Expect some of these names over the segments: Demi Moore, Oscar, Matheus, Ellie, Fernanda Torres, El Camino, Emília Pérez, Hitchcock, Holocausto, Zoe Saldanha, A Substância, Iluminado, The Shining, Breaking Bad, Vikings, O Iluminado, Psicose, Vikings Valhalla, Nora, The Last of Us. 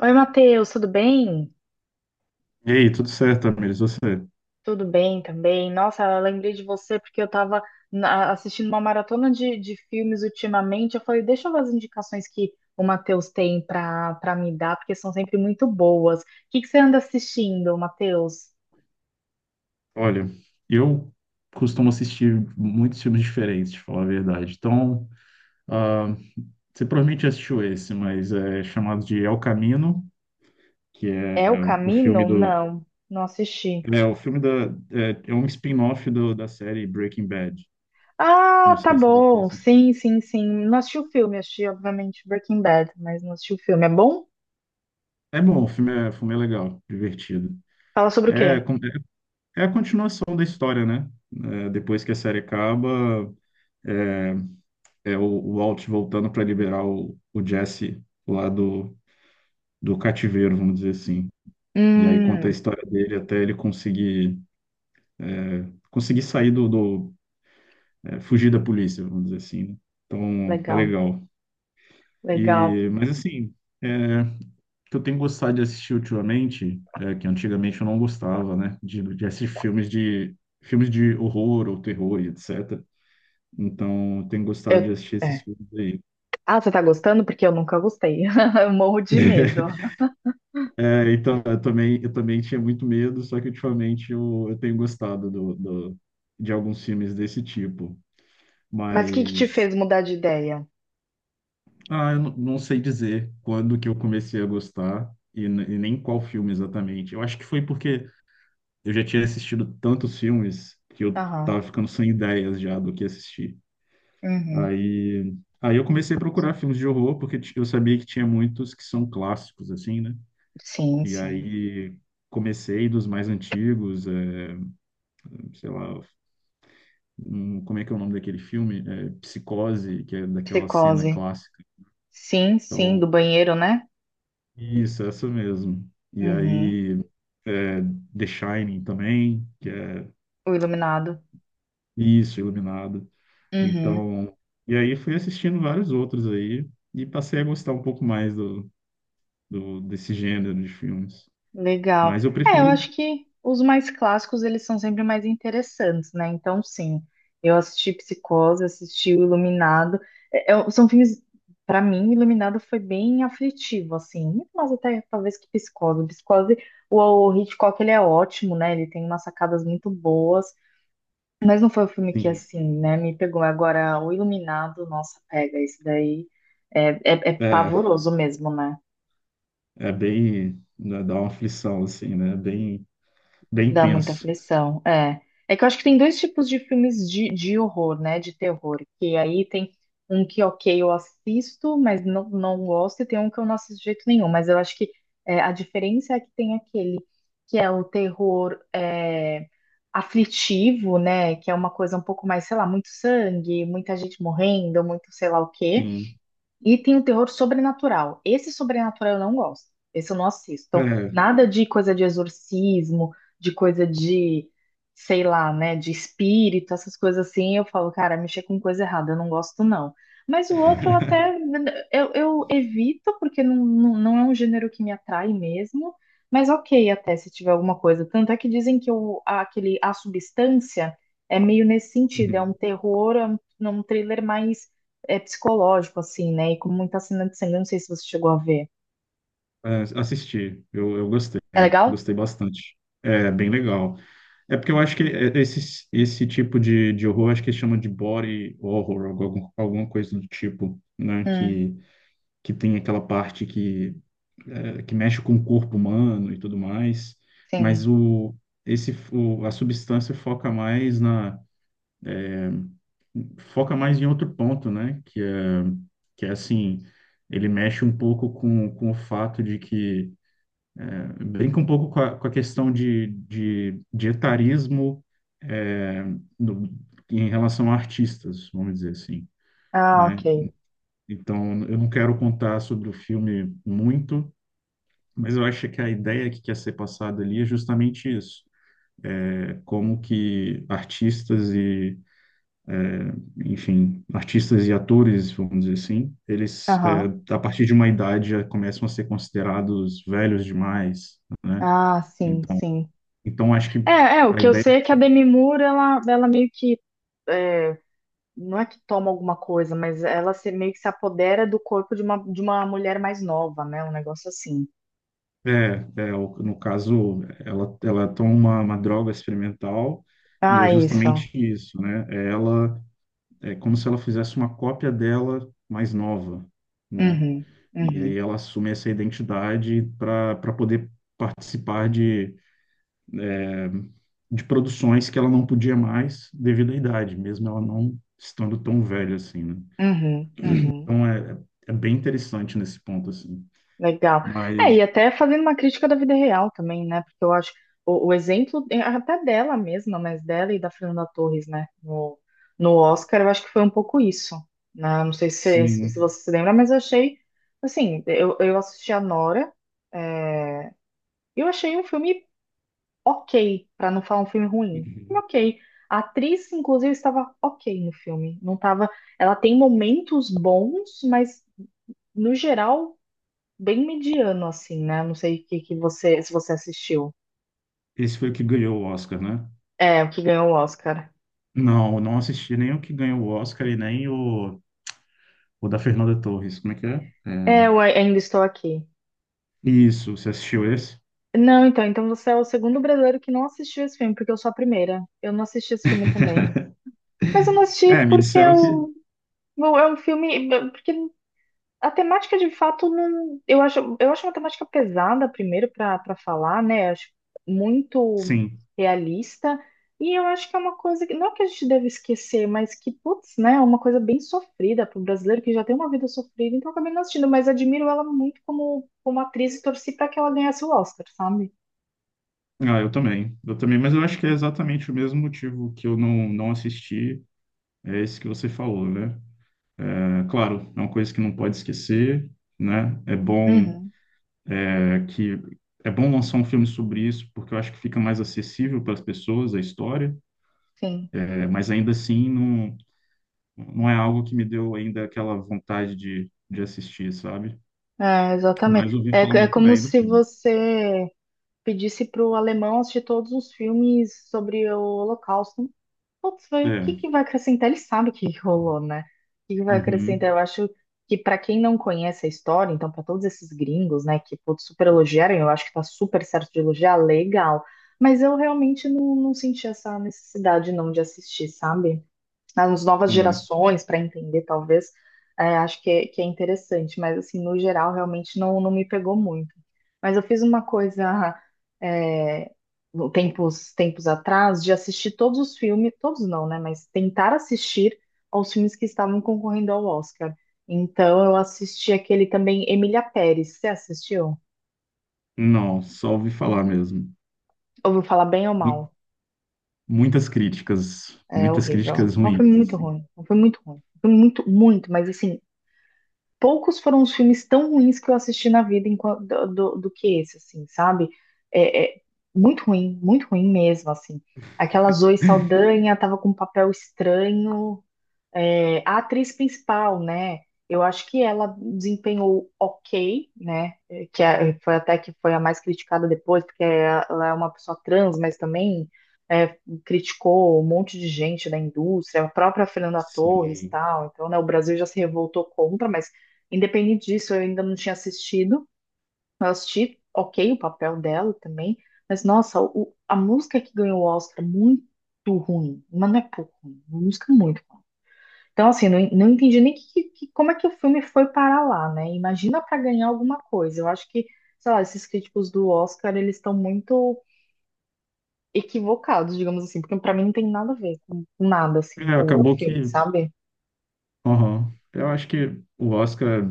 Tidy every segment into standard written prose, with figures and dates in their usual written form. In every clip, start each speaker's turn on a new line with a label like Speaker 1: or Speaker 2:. Speaker 1: Oi, Matheus, tudo bem?
Speaker 2: E aí, tudo certo, Tamires? Você?
Speaker 1: Tudo bem também. Nossa, eu lembrei de você porque eu estava assistindo uma maratona de filmes ultimamente. Eu falei, deixa eu ver as indicações que o Matheus tem para me dar, porque são sempre muito boas. O que você anda assistindo, Matheus?
Speaker 2: Olha, eu costumo assistir muitos filmes diferentes, de falar a verdade. Então, ah, você provavelmente já assistiu esse, mas é chamado de El Camino, que é
Speaker 1: É o
Speaker 2: o filme
Speaker 1: Camino?
Speaker 2: do.
Speaker 1: Não, não assisti.
Speaker 2: É o filme da. É um spin-off da série Breaking Bad. Não
Speaker 1: Ah, tá
Speaker 2: sei se você
Speaker 1: bom.
Speaker 2: assistiu.
Speaker 1: Sim, sim, sim. Não assisti o filme, assisti, obviamente, Breaking Bad, mas não assisti o filme. É bom?
Speaker 2: É bom, o filme é legal, divertido.
Speaker 1: Fala sobre o
Speaker 2: É,
Speaker 1: quê?
Speaker 2: com- é é a continuação da história, né? É, depois que a série acaba. É, é o Walt voltando para liberar o Jesse lá do cativeiro, vamos dizer assim. E aí conta a
Speaker 1: Hum.
Speaker 2: história dele até ele conseguir sair do fugir da polícia, vamos dizer assim, né? Então, é
Speaker 1: Legal,
Speaker 2: legal.
Speaker 1: legal.
Speaker 2: E, mas assim, é, o que eu tenho gostado de assistir ultimamente, é, que antigamente eu não gostava, né? De assistir filmes de horror ou terror e etc. Então, eu tenho gostado de
Speaker 1: Eu.
Speaker 2: assistir esses
Speaker 1: É.
Speaker 2: filmes aí.
Speaker 1: Ah, você tá gostando? Porque eu nunca gostei. Eu morro de medo.
Speaker 2: É, então, eu também tinha muito medo, só que ultimamente eu tenho gostado de alguns filmes desse tipo.
Speaker 1: Mas o que que te
Speaker 2: Mas,
Speaker 1: fez mudar de ideia?
Speaker 2: ah, eu não sei dizer quando que eu comecei a gostar e, e nem qual filme exatamente. Eu acho que foi porque eu já tinha assistido tantos filmes que eu
Speaker 1: Aham.
Speaker 2: tava ficando sem ideias já do que assistir.
Speaker 1: Uhum.
Speaker 2: Aí, aí eu comecei a procurar filmes de horror, porque eu sabia que tinha muitos que são clássicos, assim, né?
Speaker 1: Sim,
Speaker 2: E
Speaker 1: sim.
Speaker 2: aí comecei dos mais antigos, é, sei lá, como é que é o nome daquele filme? É, Psicose, que é daquela cena
Speaker 1: Psicose.
Speaker 2: clássica.
Speaker 1: Sim, sim, do
Speaker 2: Então,
Speaker 1: banheiro, né?
Speaker 2: isso, essa mesmo. E
Speaker 1: Uhum.
Speaker 2: aí, é, The Shining também, que é
Speaker 1: O iluminado.
Speaker 2: isso, Iluminado.
Speaker 1: Uhum.
Speaker 2: Então, e aí fui assistindo vários outros aí e passei a gostar um pouco mais desse gênero de filmes.
Speaker 1: Legal.
Speaker 2: Mas eu
Speaker 1: É, eu
Speaker 2: prefiro,
Speaker 1: acho que os mais clássicos eles são sempre mais interessantes, né? Então, sim, eu assisti Psicose, assisti o Iluminado. É, são filmes, pra mim, Iluminado foi bem aflitivo, assim, muito mais até talvez que Psicose. Psicose, o, o Hitchcock ele é ótimo, né? Ele tem umas sacadas muito boas, mas não foi o filme que
Speaker 2: sim,
Speaker 1: assim, né? Me pegou. Agora, o Iluminado, nossa, pega, esse daí é, é
Speaker 2: é,
Speaker 1: pavoroso mesmo, né?
Speaker 2: é bem, né, dá uma aflição, assim, né? Bem, bem
Speaker 1: Dá muita
Speaker 2: tenso,
Speaker 1: aflição, é. É que eu acho que tem dois tipos de filmes de horror, né? De terror. Que aí tem um que, ok, eu assisto, mas não gosto, e tem um que eu não assisto de jeito nenhum. Mas eu acho que é, a diferença é que tem aquele que é o terror é, aflitivo, né? Que é uma coisa um pouco mais, sei lá, muito sangue, muita gente morrendo, muito sei lá o quê.
Speaker 2: sim.
Speaker 1: E tem o terror sobrenatural. Esse sobrenatural eu não gosto. Esse eu não assisto. Então,
Speaker 2: É.
Speaker 1: nada de coisa de exorcismo, de coisa de, sei lá, né, de espírito, essas coisas assim. Eu falo, cara, mexer com coisa errada, eu não gosto, não. Mas o outro eu até eu evito, porque não é um gênero que me atrai mesmo. Mas ok, até se tiver alguma coisa. Tanto é que dizem que aquele, a substância é meio nesse sentido, é um terror, é um thriller mais é psicológico, assim, né? E com muita cena de sangue, eu não sei se você chegou a ver.
Speaker 2: É, assisti, eu gostei,
Speaker 1: É legal?
Speaker 2: gostei bastante. É bem legal. É porque eu acho que esse tipo de horror, acho que eles chamam de body horror, alguma coisa do tipo, né?
Speaker 1: Hum,
Speaker 2: Que tem aquela parte que mexe com o corpo humano e tudo mais. Mas
Speaker 1: sim.
Speaker 2: a substância foca mais em outro ponto, né? Que é assim, ele mexe um pouco com o fato de que brinca um pouco com a questão de etarismo é, no- em relação a artistas, vamos dizer assim,
Speaker 1: Ah,
Speaker 2: né?
Speaker 1: ok.
Speaker 2: Então, eu não quero contar sobre o filme muito, mas eu acho que a ideia que quer ser passada ali é justamente isso. É como que artistas e, enfim, artistas e atores, vamos dizer assim, eles,
Speaker 1: Aham.
Speaker 2: é, a partir de uma idade, já começam a ser considerados velhos demais, né?
Speaker 1: Ah, sim,
Speaker 2: Então,
Speaker 1: sim.
Speaker 2: então acho que
Speaker 1: É, é, o
Speaker 2: a
Speaker 1: que eu
Speaker 2: ideia
Speaker 1: sei é que a Demi Moore, ela meio que, é, não é que toma alguma coisa, mas ela meio que se apodera do corpo de uma mulher mais nova, né? Um negócio assim.
Speaker 2: é. É, o- no caso, ela toma uma droga experimental e é
Speaker 1: Ah,
Speaker 2: justamente
Speaker 1: isso.
Speaker 2: isso, né? Ela é como se ela fizesse uma cópia dela mais nova, né?
Speaker 1: Uhum,
Speaker 2: E aí
Speaker 1: uhum,
Speaker 2: ela assume essa identidade para para poder participar de produções que ela não podia mais devido à idade, mesmo ela não estando tão velha assim, né?
Speaker 1: uhum, uhum.
Speaker 2: Então é, é bem interessante nesse ponto, assim.
Speaker 1: Legal. É, e
Speaker 2: Mas,
Speaker 1: até fazendo uma crítica da vida real também, né? Porque eu acho o exemplo é até dela mesma, mas dela e da Fernanda Torres, né? No, no Oscar, eu acho que foi um pouco isso, né? Não sei se
Speaker 2: sim,
Speaker 1: você se lembra, mas eu achei, assim, eu assisti a Nora, é, e eu achei um filme ok, pra não falar um filme ruim. Um ok. A atriz, inclusive, estava ok no filme. Não tava, ela tem momentos bons, mas no geral bem mediano, assim, né? Não sei o que você, se você assistiu.
Speaker 2: esse foi o que ganhou o Oscar, né?
Speaker 1: É, o que ganhou o Oscar.
Speaker 2: Não, não assisti nem o que ganhou o Oscar e nem o da Fernanda Torres. Como é que é?
Speaker 1: É,
Speaker 2: É,
Speaker 1: eu ainda estou aqui.
Speaker 2: isso, você assistiu esse?
Speaker 1: Não, então você é o segundo brasileiro que não assistiu esse filme, porque eu sou a primeira. Eu não assisti esse filme também. Mas eu não
Speaker 2: É,
Speaker 1: assisti
Speaker 2: me
Speaker 1: porque
Speaker 2: disseram que
Speaker 1: é um filme. Porque a temática de fato não, eu acho uma temática pesada primeiro para falar, né? Acho muito
Speaker 2: sim.
Speaker 1: realista e eu acho que é uma coisa que não que a gente deve esquecer, mas que putz, né, é uma coisa bem sofrida para o brasileiro que já tem uma vida sofrida, então eu acabei não assistindo, mas admiro ela muito como atriz e torci para que ela ganhasse o Oscar, sabe?
Speaker 2: Ah, eu também. Eu também, mas eu acho que é exatamente o mesmo motivo que eu não assisti, é esse que você falou, né? É, claro, é uma coisa que não pode esquecer, né?
Speaker 1: Uhum,
Speaker 2: Que é bom lançar um filme sobre isso, porque eu acho que fica mais acessível para as pessoas a história,
Speaker 1: sim.
Speaker 2: é, mas ainda assim não, não é algo que me deu ainda aquela vontade de assistir, sabe?
Speaker 1: É, exatamente.
Speaker 2: Mas ouvi
Speaker 1: É,
Speaker 2: falar
Speaker 1: é
Speaker 2: muito
Speaker 1: como
Speaker 2: bem do
Speaker 1: se
Speaker 2: filme.
Speaker 1: você pedisse para o alemão assistir todos os filmes sobre o Holocausto. Putz, vai, o que
Speaker 2: É.
Speaker 1: que vai acrescentar? Ele sabe o que que rolou, né? O que que vai
Speaker 2: Uhum.
Speaker 1: acrescentar? Eu acho que para quem não conhece a história, então para todos esses gringos, né, que putz, super elogiaram, eu acho que tá super certo de elogiar, legal. Mas eu realmente não senti essa necessidade não de assistir, sabe? Nas novas
Speaker 2: É.
Speaker 1: gerações, para entender, talvez, é, acho que é interessante, mas assim, no geral, realmente não me pegou muito. Mas eu fiz uma coisa é, tempos, tempos atrás de assistir todos os filmes, todos não, né? Mas tentar assistir aos filmes que estavam concorrendo ao Oscar. Então eu assisti aquele também, Emília Pérez. Você assistiu?
Speaker 2: Não, só ouvi falar mesmo.
Speaker 1: Ouviu falar bem ou
Speaker 2: Mu-
Speaker 1: mal? É
Speaker 2: Muitas
Speaker 1: horrível.
Speaker 2: críticas
Speaker 1: É um filme
Speaker 2: ruins,
Speaker 1: muito
Speaker 2: assim.
Speaker 1: ruim. É um filme muito ruim. Um filme muito, muito, mas assim, poucos foram os filmes tão ruins que eu assisti na vida do que esse, assim, sabe? É, é muito ruim mesmo, assim. Aquela Zoe Saldanha tava com um papel estranho, é, a atriz principal, né? Eu acho que ela desempenhou ok, né? Que foi até que foi a mais criticada depois, porque ela é uma pessoa trans, mas também eh, criticou um monte de gente da indústria, a própria Fernanda Torres, e
Speaker 2: Sim.
Speaker 1: tal. Então, né? O Brasil já se revoltou contra, mas independente disso, eu ainda não tinha assistido. Eu assisti, ok, o papel dela também, mas nossa, a música que ganhou o Oscar muito ruim, mas não é pouco ruim, música é muito então, assim, não entendi nem como é que o filme foi parar lá, né? Imagina para ganhar alguma coisa. Eu acho que, sei lá, esses críticos do Oscar, eles estão muito equivocados, digamos assim, porque para mim não tem nada a ver com nada, assim,
Speaker 2: É,
Speaker 1: o
Speaker 2: acabou que.
Speaker 1: filme, sabe?
Speaker 2: Aham. Eu acho que o Oscar,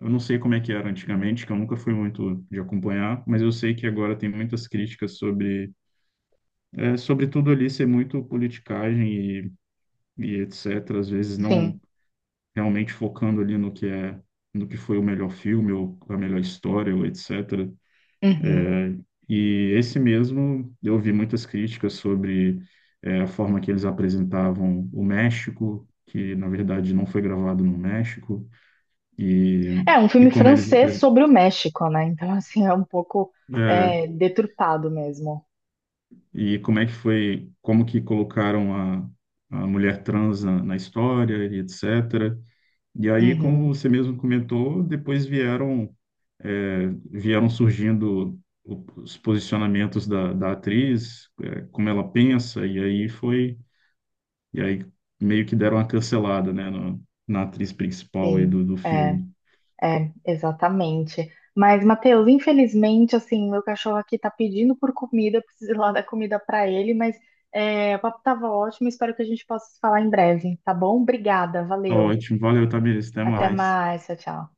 Speaker 2: eu não sei como é que era antigamente, que eu nunca fui muito de acompanhar, mas eu sei que agora tem muitas críticas sobre, é, sobre tudo ali ser muito politicagem e, e etc. Às vezes
Speaker 1: Sim.
Speaker 2: não, realmente focando ali no que é, no que foi o melhor filme ou a melhor história ou etc.
Speaker 1: Uhum.
Speaker 2: E esse mesmo, eu ouvi muitas críticas sobre eh, a forma que eles apresentavam o México, que na verdade não foi gravado no México, e,
Speaker 1: É um
Speaker 2: e
Speaker 1: filme
Speaker 2: como eles
Speaker 1: francês sobre o México, né? Então, assim, é um pouco
Speaker 2: eh,
Speaker 1: é, deturpado mesmo.
Speaker 2: e como é que foi, como que colocaram a mulher trans na, na história e etc. E aí, como
Speaker 1: Uhum.
Speaker 2: você mesmo comentou, depois vieram surgindo os posicionamentos da, da atriz, é, como ela pensa, e aí foi, e aí meio que deram uma cancelada, né, na atriz principal aí
Speaker 1: Sim.
Speaker 2: do
Speaker 1: É.
Speaker 2: filme.
Speaker 1: É, exatamente. Mas, Matheus, infelizmente, assim, meu cachorro aqui tá pedindo por comida, eu preciso ir lá dar comida pra ele, mas é, o papo tava ótimo, espero que a gente possa se falar em breve, tá bom? Obrigada,
Speaker 2: Tá,
Speaker 1: valeu.
Speaker 2: ótimo, valeu, Tamires, até
Speaker 1: Até
Speaker 2: mais.
Speaker 1: mais, tchau, tchau.